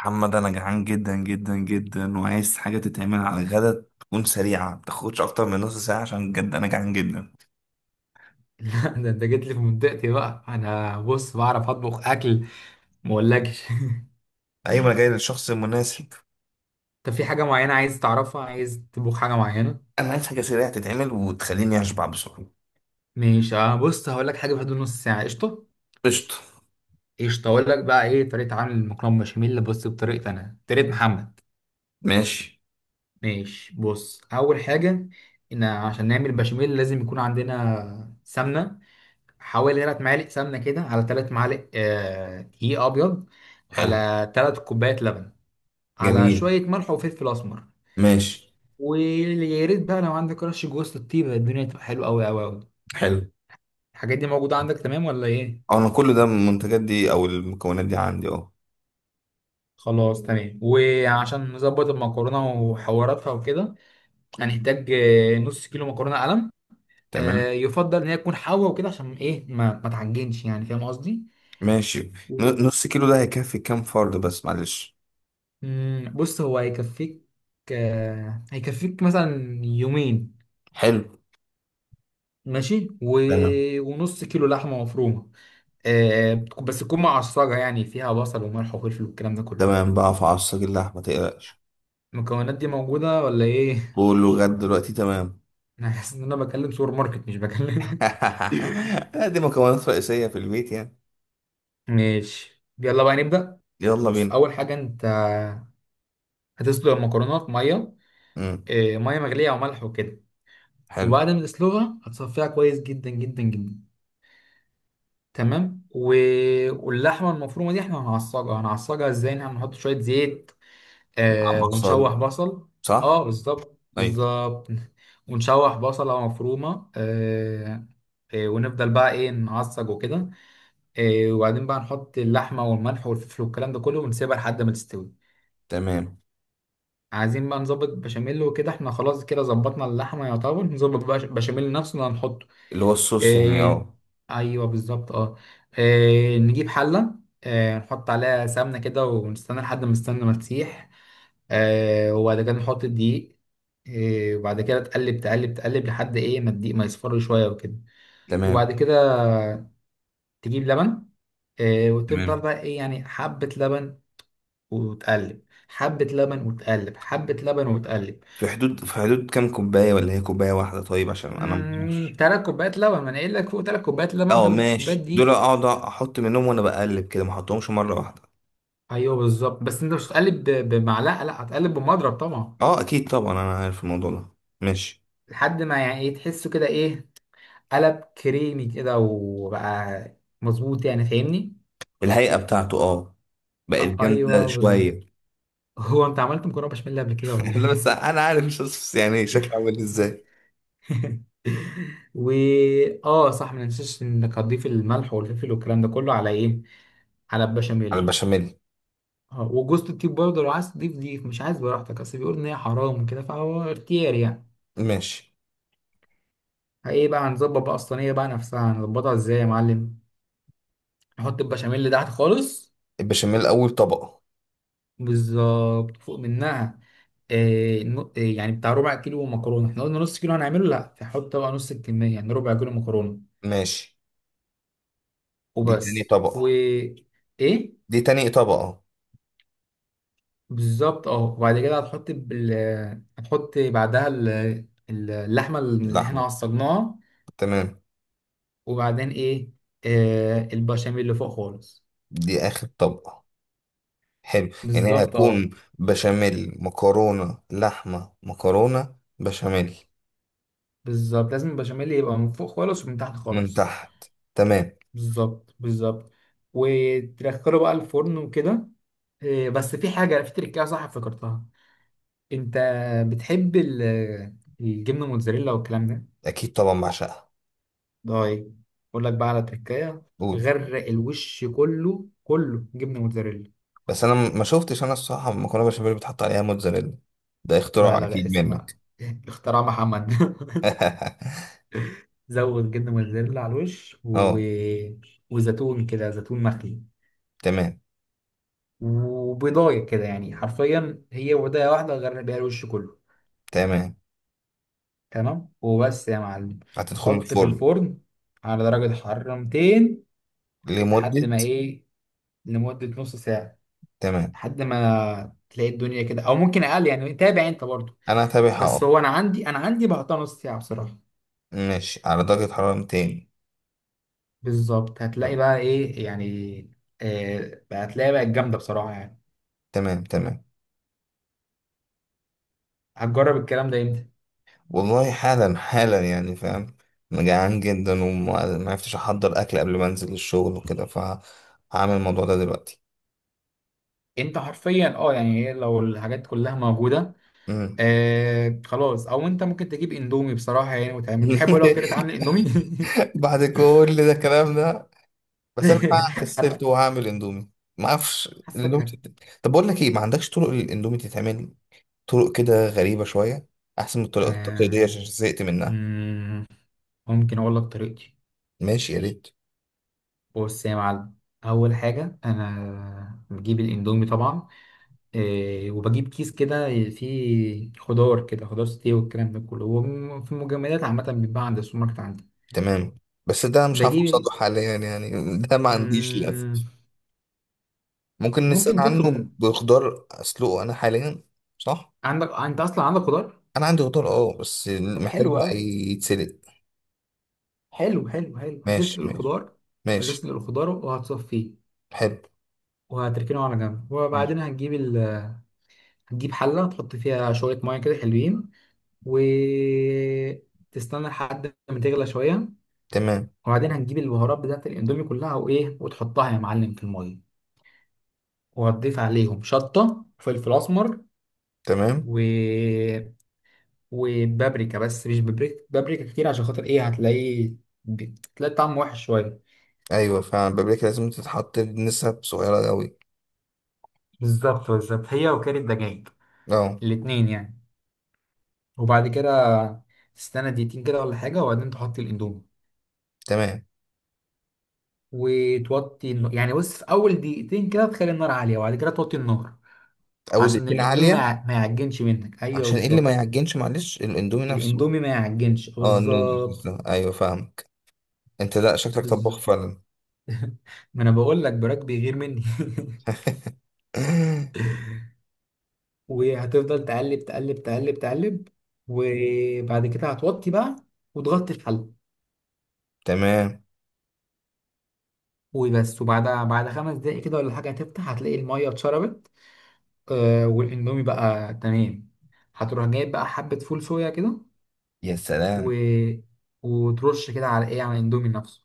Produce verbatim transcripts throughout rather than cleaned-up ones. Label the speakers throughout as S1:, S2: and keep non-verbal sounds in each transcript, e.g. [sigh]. S1: محمد، انا جعان جدا جدا جدا وعايز حاجه تتعمل على الغدا تكون سريعه، ما تاخدش اكتر من نص ساعه عشان بجد انا جعان جدا.
S2: [laughs] ده انت جيت لي في منطقتي بقى. انا بص، بعرف اطبخ اكل، ما اقولكش. [laughs]
S1: ايوه، انا جاي للشخص المناسب.
S2: طب في حاجه معينه عايز تعرفها؟ عايز تطبخ حاجه معينه؟
S1: انا عايز حاجه سريعه تتعمل وتخليني اشبع بسرعه.
S2: ماشي، اه بص هقول لك حاجه في حدود نص ساعه. قشطه؟
S1: قشطه.
S2: قشطه، اقول لك بقى ايه طريقه عمل المكرونه بشاميل. بص بطريقتي انا، طريقه محمد.
S1: ماشي.
S2: ماشي، بص اول حاجه ان عشان نعمل بشاميل لازم يكون عندنا سمنه. حوالي 3 معالق سمنه كده، على 3 معالق آه، دقيق ابيض،
S1: حلو.
S2: على 3 كوبايات لبن، على
S1: جميل.
S2: شويه ملح وفلفل اسمر.
S1: ماشي.
S2: ويا ريت بقى لو عندك رش جوز للطيبه، الدنيا تبقى حلوه قوي قوي قوي.
S1: حلو.
S2: الحاجات دي موجوده عندك تمام ولا ايه؟
S1: أه، انا كل ده من المنتجات دي او المكونات دي عندي اهو.
S2: خلاص تمام. وعشان نظبط المكرونه وحواراتها وكده، هنحتاج آه، نص كيلو مكرونه قلم. آه،
S1: تمام.
S2: يفضل ان هي تكون حوا وكده، عشان ايه ما ما تعجنش، يعني فاهم قصدي.
S1: ماشي. ن- نص كيلو ده هيكفي كام فرد بس معلش؟
S2: مم، بص هو هيكفيك. آه، هيكفيك مثلا يومين.
S1: حلو.
S2: ماشي و...
S1: تمام.
S2: ونص كيلو لحمه مفرومه. آه، بس تكون معصجه، يعني فيها بصل وملح وفلفل والكلام ده كله.
S1: تمام بقى، في عصاك اللحمه ما تقلقش.
S2: المكونات دي موجودة ولا ايه؟
S1: كله غدا دلوقتي، تمام.
S2: انا حاسس ان انا بكلم سوبر ماركت، مش بكلم.
S1: [laughs] لا، دي مكونات رئيسية في البيت يعني.
S2: [laughs] ماشي، يلا بقى نبدأ.
S1: يلا
S2: بص
S1: بينا.
S2: اول حاجة، انت هتسلق المكرونة في مية.
S1: امم.
S2: إيه، مية مغلية او ملح وكده.
S1: حلو.
S2: وبعد ما تسلقها هتصفيها كويس جدا جدا جدا. تمام و... واللحمة المفرومة دي احنا هنعصجها. هنعصجها ازاي؟ إن احنا هنحط شوية زيت، آه
S1: مع بصل،
S2: ونشوح بصل. اه
S1: صح.
S2: بالظبط
S1: ايوه.
S2: بالظبط. ونشوح بصلة مفرومة آه. آه، ونفضل بقى ايه، نعصج وكده. إيه، وبعدين بقى نحط اللحمه والملح والفلفل والكلام ده كله ونسيبها لحد ما تستوي.
S1: تمام.
S2: عايزين بقى نظبط بشاميل وكده. احنا خلاص كده ظبطنا اللحمه يعتبر، نظبط بقى بشاميل نفسه اللي هنحطه.
S1: اللي هو الصوص يعني،
S2: إيه.
S1: اه.
S2: ايوه بالظبط اه. إيه، نجيب حله، إيه، نحط عليها سمنه كده ونستنى لحد ما السمنه ما تسيح. إيه، وبعد كده نحط الدقيق. إيه، وبعد كده تقلب تقلب تقلب لحد ايه، ما الدقيق ما يصفر شويه وكده.
S1: تمام.
S2: وبعد كده تجيب لبن. إيه، وتفضل
S1: تمام.
S2: بقى ايه، يعني حبه لبن وتقلب، حبة لبن وتقلب، حبة لبن وتقلب.
S1: في حدود، في حدود كام كوباية، ولا هي كوباية واحدة؟ طيب، عشان انا
S2: مم،
S1: مش،
S2: تلات كوبايات لبن، ما انا قايل لك فوق تلات كوبايات لبن،
S1: اه،
S2: وتلات كوبايات
S1: ماشي. دول
S2: دي.
S1: اقعد احط منهم وانا بقلب كده، ما احطهمش مرة واحدة.
S2: ايوه بالظبط، بس انت مش هتقلب ب- بمعلقة، لا هتقلب بمضرب طبعا.
S1: اه، اكيد طبعا، انا عارف الموضوع ده. ماشي.
S2: لحد ما يعني ايه، تحسه كده ايه، قلب كريمي كده وبقى مظبوط، يعني فاهمني.
S1: الهيئة بتاعته، اه، بقت
S2: أ-
S1: جامدة
S2: ايوه بالظبط.
S1: شوية.
S2: هو انت عملت مكرونه بشاميل قبل كده ولا
S1: [laughs] لا، بس
S2: ايه؟
S1: انا عارف الصوص يعني شكله عامل ازاي.
S2: [laughs] و اه صح، ما ننساش انك هتضيف الملح والفلفل والكلام ده كله على ايه، على
S1: على
S2: البشاميل.
S1: البشاميل.
S2: اه، وجوزة الطيب برضه لو عايز تضيف ضيف، مش عايز براحتك، اصل بيقول ان هي حرام وكده، فهو اختيار يعني.
S1: ماشي.
S2: ايه بقى، هنظبط بقى الصينيه بقى نفسها. هنظبطها ازاي يا معلم؟ نحط البشاميل تحت خالص،
S1: البشاميل أول طبقة.
S2: بالظبط. فوق منها إيه نو- إيه يعني بتاع ربع كيلو مكرونه. احنا قلنا نص كيلو هنعمله، لا فحط بقى نص الكميه، يعني ربع كيلو مكرونه.
S1: ماشي. دي تاني
S2: وبس و
S1: طبقة.
S2: ايه،
S1: دي تاني طبقة.
S2: بالظبط اه. وبعد كده هتحط بال... هتحط بعدها ال- اللحمه اللي احنا
S1: لحمة.
S2: عصجناها.
S1: تمام.
S2: وبعدين ايه، آه البشاميل اللي فوق خالص.
S1: دي آخر طبقة. حلو، يعني هي
S2: بالظبط
S1: هتكون
S2: اه.
S1: بشاميل، مكرونة، لحمة، مكرونة، بشاميل.
S2: بالظبط، لازم البشاميل يبقى من فوق خالص ومن تحت
S1: من
S2: خالص.
S1: تحت. تمام.
S2: بالظبط بالظبط. وتدخله بقى الفرن وكده. آه، بس في حاجة في تركية صح، افتكرتها. انت بتحب ال- الجبنة موتزاريلا والكلام ده؟
S1: أكيد طبعا، بعشقها.
S2: طيب، اقول لك بقى على تركية.
S1: قول.
S2: غرق الوش كله كله جبنة موتزاريلا.
S1: بس أنا م- ما شفتش، أنا الصراحة مكرونة بشاميل بتحط عليها موتزاريلا؟ ده
S2: لا
S1: اختراع
S2: لا لا
S1: أكيد
S2: اسمع،
S1: منك.
S2: اختراع محمد. [laughs]
S1: [laughs]
S2: زود جبنه موتزاريلا على الوش و...
S1: اه.
S2: وزيتون كده، زيتون مخلي.
S1: تمام.
S2: وبيضايه كده، يعني حرفيا هي بيضايه واحده غرق بيها الوش كله.
S1: تمام.
S2: تمام وبس يا معلم.
S1: هتدخل
S2: حط في
S1: الفرن.
S2: الفرن على درجه حراره مئتين. لحد
S1: لمدة؟
S2: ما ايه، لمده نص ساعه.
S1: تمام.
S2: لحد ما تلاقي الدنيا كده، او ممكن اقل، يعني تابع انت برضو.
S1: أنا هتابعها،
S2: بس
S1: اه.
S2: هو انا عندي، انا عندي بحطها نص ساعه بصراحه.
S1: ماشي، على درجة حرارة مئتين.
S2: بالظبط، هتلاقي بقى ايه يعني، آه هتلاقي بقى الجامده بصراحه يعني.
S1: تمام. تمام.
S2: هتجرب الكلام ده امتى؟
S1: والله حالا حالا، يعني فاهم. أنا جعان جدا وما عرفتش أحضر أكل قبل ما أنزل الشغل وكده، فهعمل الموضوع ده دلوقتي.
S2: انت حرفيا اه، يعني هي لو الحاجات كلها موجوده،
S1: مم.
S2: آه خلاص. او انت ممكن تجيب اندومي بصراحه يعني، وتعمل، بتحب اقول لك طريقه عامل
S1: [laughs]
S2: اندومي؟
S1: بعد كل ده الكلام ده؟ بس أنا فعلا
S2: [laughs]
S1: كسلت
S2: انا
S1: وهعمل اندومي. ما أعرفش
S2: حاسك
S1: الاندومي
S2: هك-
S1: تت- طب بقول لك إيه، ما عندكش طرق للاندومي تتعمل طرق كده غريبة شوية، أحسن من الطرق التقليدية
S2: آه.
S1: عشان زهقت منها.
S2: مم، ممكن اقول لك طريقتي.
S1: ماشي، يا ريت.
S2: بص يا معلم، اول حاجه انا بجيب الاندومي طبعا. آه، وبجيب كيس كده فيه خضار كده، خضار ستيه والكلام ده كله، وفي المجمدات عامه بيتباع عند السوبر ماركت عندي.
S1: تمام، بس ده مش عارف
S2: بجيب ال-
S1: اوصله حاليا يعني. [laughs] ده ما عنديش للاسف.
S2: مم،
S1: ممكن نستغنى
S2: ممكن
S1: عنه
S2: تطلب.
S1: بخضار اسلقه انا حاليا. صح.
S2: عندك انت اصلا عندك خضار.
S1: انا عندي خضار، اه، بس
S2: طب
S1: محتاج
S2: حلو
S1: بقى
S2: قوي.
S1: يتسلق.
S2: حلو حلو حلو،
S1: ماشي
S2: هتسلق
S1: ماشي.
S2: الخضار.
S1: ماشي.
S2: هتسلق الخضار وهتصفيه
S1: حلو.
S2: وهتركنه على جنب.
S1: ماشي.
S2: وبعدين هتجيب ال... هتجيب حله، تحط فيها شويه ميه كده حلوين، وتستنى لحد ما تغلى شويه.
S1: تمام.
S2: وبعدين هتجيب البهارات بتاعت الاندومي كلها وايه، وتحطها يا معلم في الميه. وهتضيف عليهم شطه وفلفل اسمر
S1: تمام.
S2: و... وبابريكا، بس مش بابريكا بابريكا كتير، عشان خاطر ايه، هتلاقيه بتلاقي طعم وحش شويه.
S1: ايوه، فعلا بابريكا لازم تتحط بنسب صغيره قوي.
S2: بالظبط بالظبط، هي وكيل الدجاج
S1: اه.
S2: الاتنين يعني. وبعد كده تستنى دقيقتين كده ولا حاجة، وبعدين تحط الأندومي
S1: تمام.
S2: وتوطي النار. يعني بص، في أول دقيقتين كده تخلي النار عالية، وبعد كده توطي النار
S1: او
S2: عشان
S1: الاتنين
S2: الأندومي ما
S1: عاليه.
S2: يع- ما يعجنش منك. أيوه
S1: عشان ايه اللي ما
S2: بالظبط.
S1: يعجنش؟ معلش الاندومي نفسه.
S2: الأندومي ما يعجنش،
S1: اه،
S2: بالظبط
S1: النودلز ده. ايوه، فاهمك. انت لا، شكلك طباخ
S2: بالظبط.
S1: فعلا.
S2: ما أنا بقول لك، براك بيغير مني. [laughs]
S1: [laughs]
S2: وهتفضل تقلب تقلب تقلب تقلب. وبعد كده هتوطي بقى وتغطي الحل.
S1: تمام.
S2: وبس، وبعد بعد خمس دقايق كده ولا حاجة هتفتح، هتلاقي المية اتشربت، آه والاندومي بقى تمام. هتروح جايب بقى حبة فول صويا كده
S1: يا
S2: و...
S1: سلام.
S2: وترش كده على ايه، على الاندومي نفسه.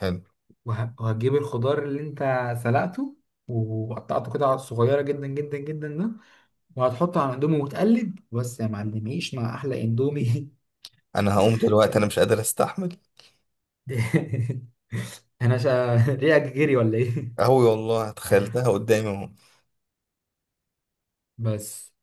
S1: حلو.
S2: وه... وهتجيب الخضار اللي انت سلقته وقطعته كده صغيرة جدا جدا جدا ده، وهتحطه على الاندومي وتقلب. بس يا معلم، عيش مع احلى اندومي. [laughs]
S1: انا هقوم دلوقتي، انا
S2: كلب.
S1: مش قادر استحمل.
S2: [laughs] انا شا... ريقك جري ولا ايه.
S1: قوي والله، تخيلتها قدامي اهو.
S2: بس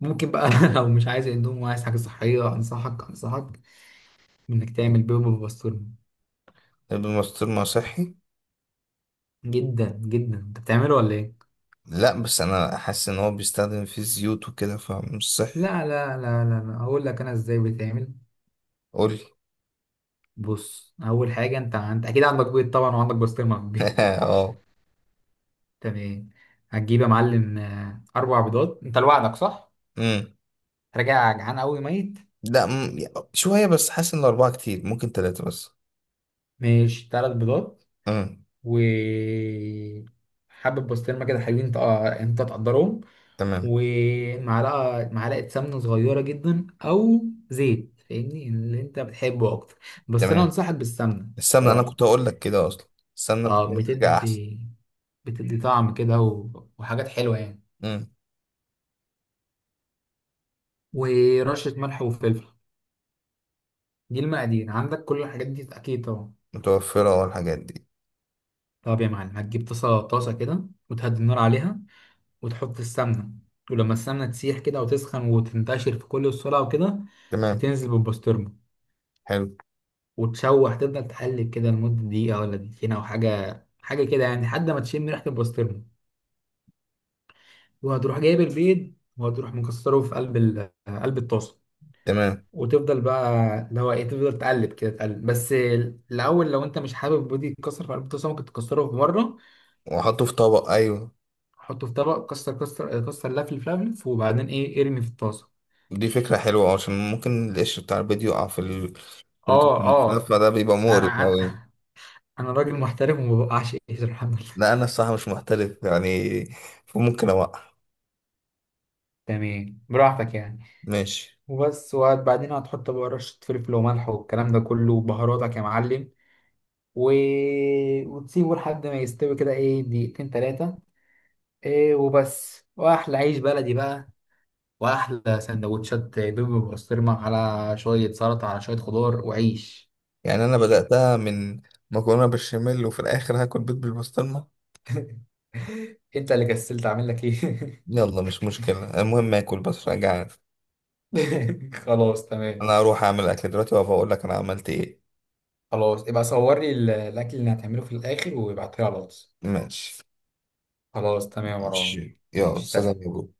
S2: ممكن بقى، [laughs] لو مش عايز اندومي وعايز حاجة صحية، انصحك انصحك انك تعمل بيض بالبسطرمة.
S1: الماستور ما صحي.
S2: جدا جدا. انت بتعمله ولا ايه؟
S1: لا، بس انا حاسس ان هو بيستخدم فيه زيوت وكده فمش صحي.
S2: لا لا لا لا لا، اقول لك انا ازاي بيتعمل.
S1: قولي.
S2: بص اول حاجه، انت انت اكيد عندك بيض طبعا، وعندك بسطرمه في البيت.
S1: [laughs] اه.
S2: [laughs] تمام. هتجيب يا معلم آه، اربع بيضات. انت لوحدك صح؟
S1: امم.
S2: راجع جعان قوي ميت.
S1: لا. مم. شويه بس، حاسس ان الاربعه كتير، ممكن ثلاثه بس.
S2: ماشي، ثلاث بيضات.
S1: امم.
S2: و حبة بسطرمه كده حلوين، انت آه، انت تقدرهم.
S1: تمام.
S2: ومعلقه معلقه سمنه صغيره جدا، او زيت، فاهمني اللي انت بتحبه اكتر. بس انا
S1: تمام.
S2: انصحك بالسمنه
S1: السمنه انا
S2: بصراحه.
S1: كنت هقول لك كده اصلا. السمنه
S2: اه
S1: بتبقى حاجه احسن.
S2: بتدي، بتدي طعم كده و- وحاجات حلوة يعني.
S1: امم.
S2: ورشة ملح وفلفل. دي المقادير عندك، كل الحاجات دي أكيد طبعا.
S1: متوفره والحاجات دي.
S2: طب يا معلم، هتجيب طاسة طاسة كده وتهدي النار عليها وتحط السمنة. ولما السمنة تسيح كده وتسخن وتنتشر في كل السرعة وكده،
S1: تمام. تمام.
S2: هتنزل بالبسطرمة.
S1: حلو.
S2: وتشوح، تفضل تقلب كده لمدة دقيقة ولا دقيقتين أو حاجة حاجة كده يعني، لحد ما تشم ريحة البسطرمة. وهتروح جايب البيض، وهتروح مكسره في قلب ال- قلب الطاسة.
S1: تمام.
S2: وتفضل بقى، اللي هو ايه، تفضل تقلب كده تقلب بس. الاول، لو انت مش حابب بودي يتكسر في قلب الطاسه، ممكن تكسره في مره،
S1: واحطه في طبق، ايوه.
S2: حطه في طبق، كسر كسر كسر، لفلف لفلف، وبعدين ايه ارمي في الطاسه.
S1: دي فكرة حلوة عشان ممكن القش بتاع البيض يقع في ال، في
S2: اه
S1: الخلاف،
S2: اه.
S1: فده بيبقى مقرف
S2: انا
S1: أوي.
S2: أنا راجل محترم، وما بوقعش ايدي الحمد لله.
S1: لا، أنا الصراحة مش محترف يعني، فممكن أوقع.
S2: تمام، براحتك يعني.
S1: ماشي.
S2: وبس، وبعدين هتحط بقى رشه فلفل وملح والكلام ده كله وبهاراتك يا معلم، و... وتسيبه لحد ما يستوي كده، ايه دقيقتين تلاتة. ايه وبس، واحلى عيش بلدي بقى، واحلى سندوتشات بيبي بسطرمه على شويه سلطه، على شويه خضار وعيش.
S1: يعني أنا بدأتها من مكرونة بالبشاميل وفي الآخر هاكل بيض بالبسطرمة.
S2: [laughs] انت اللي كسلت، اعمل لك ايه.
S1: يلا، مش مشكلة، المهم آكل، بس أنا جعان.
S2: [laughs] خلاص تمام.
S1: أنا هروح أعمل أكل دلوقتي وأبقى أقول لك أنا عملت إيه.
S2: خلاص، ابقى صور لي ال- الاكل اللي هتعمله في الاخر وابعته لي على الواتس.
S1: ماشي.
S2: خلاص تمام يا مروان.
S1: ماشي، يلا،
S2: ماشي،
S1: سلام
S2: سلام.
S1: يا بابا.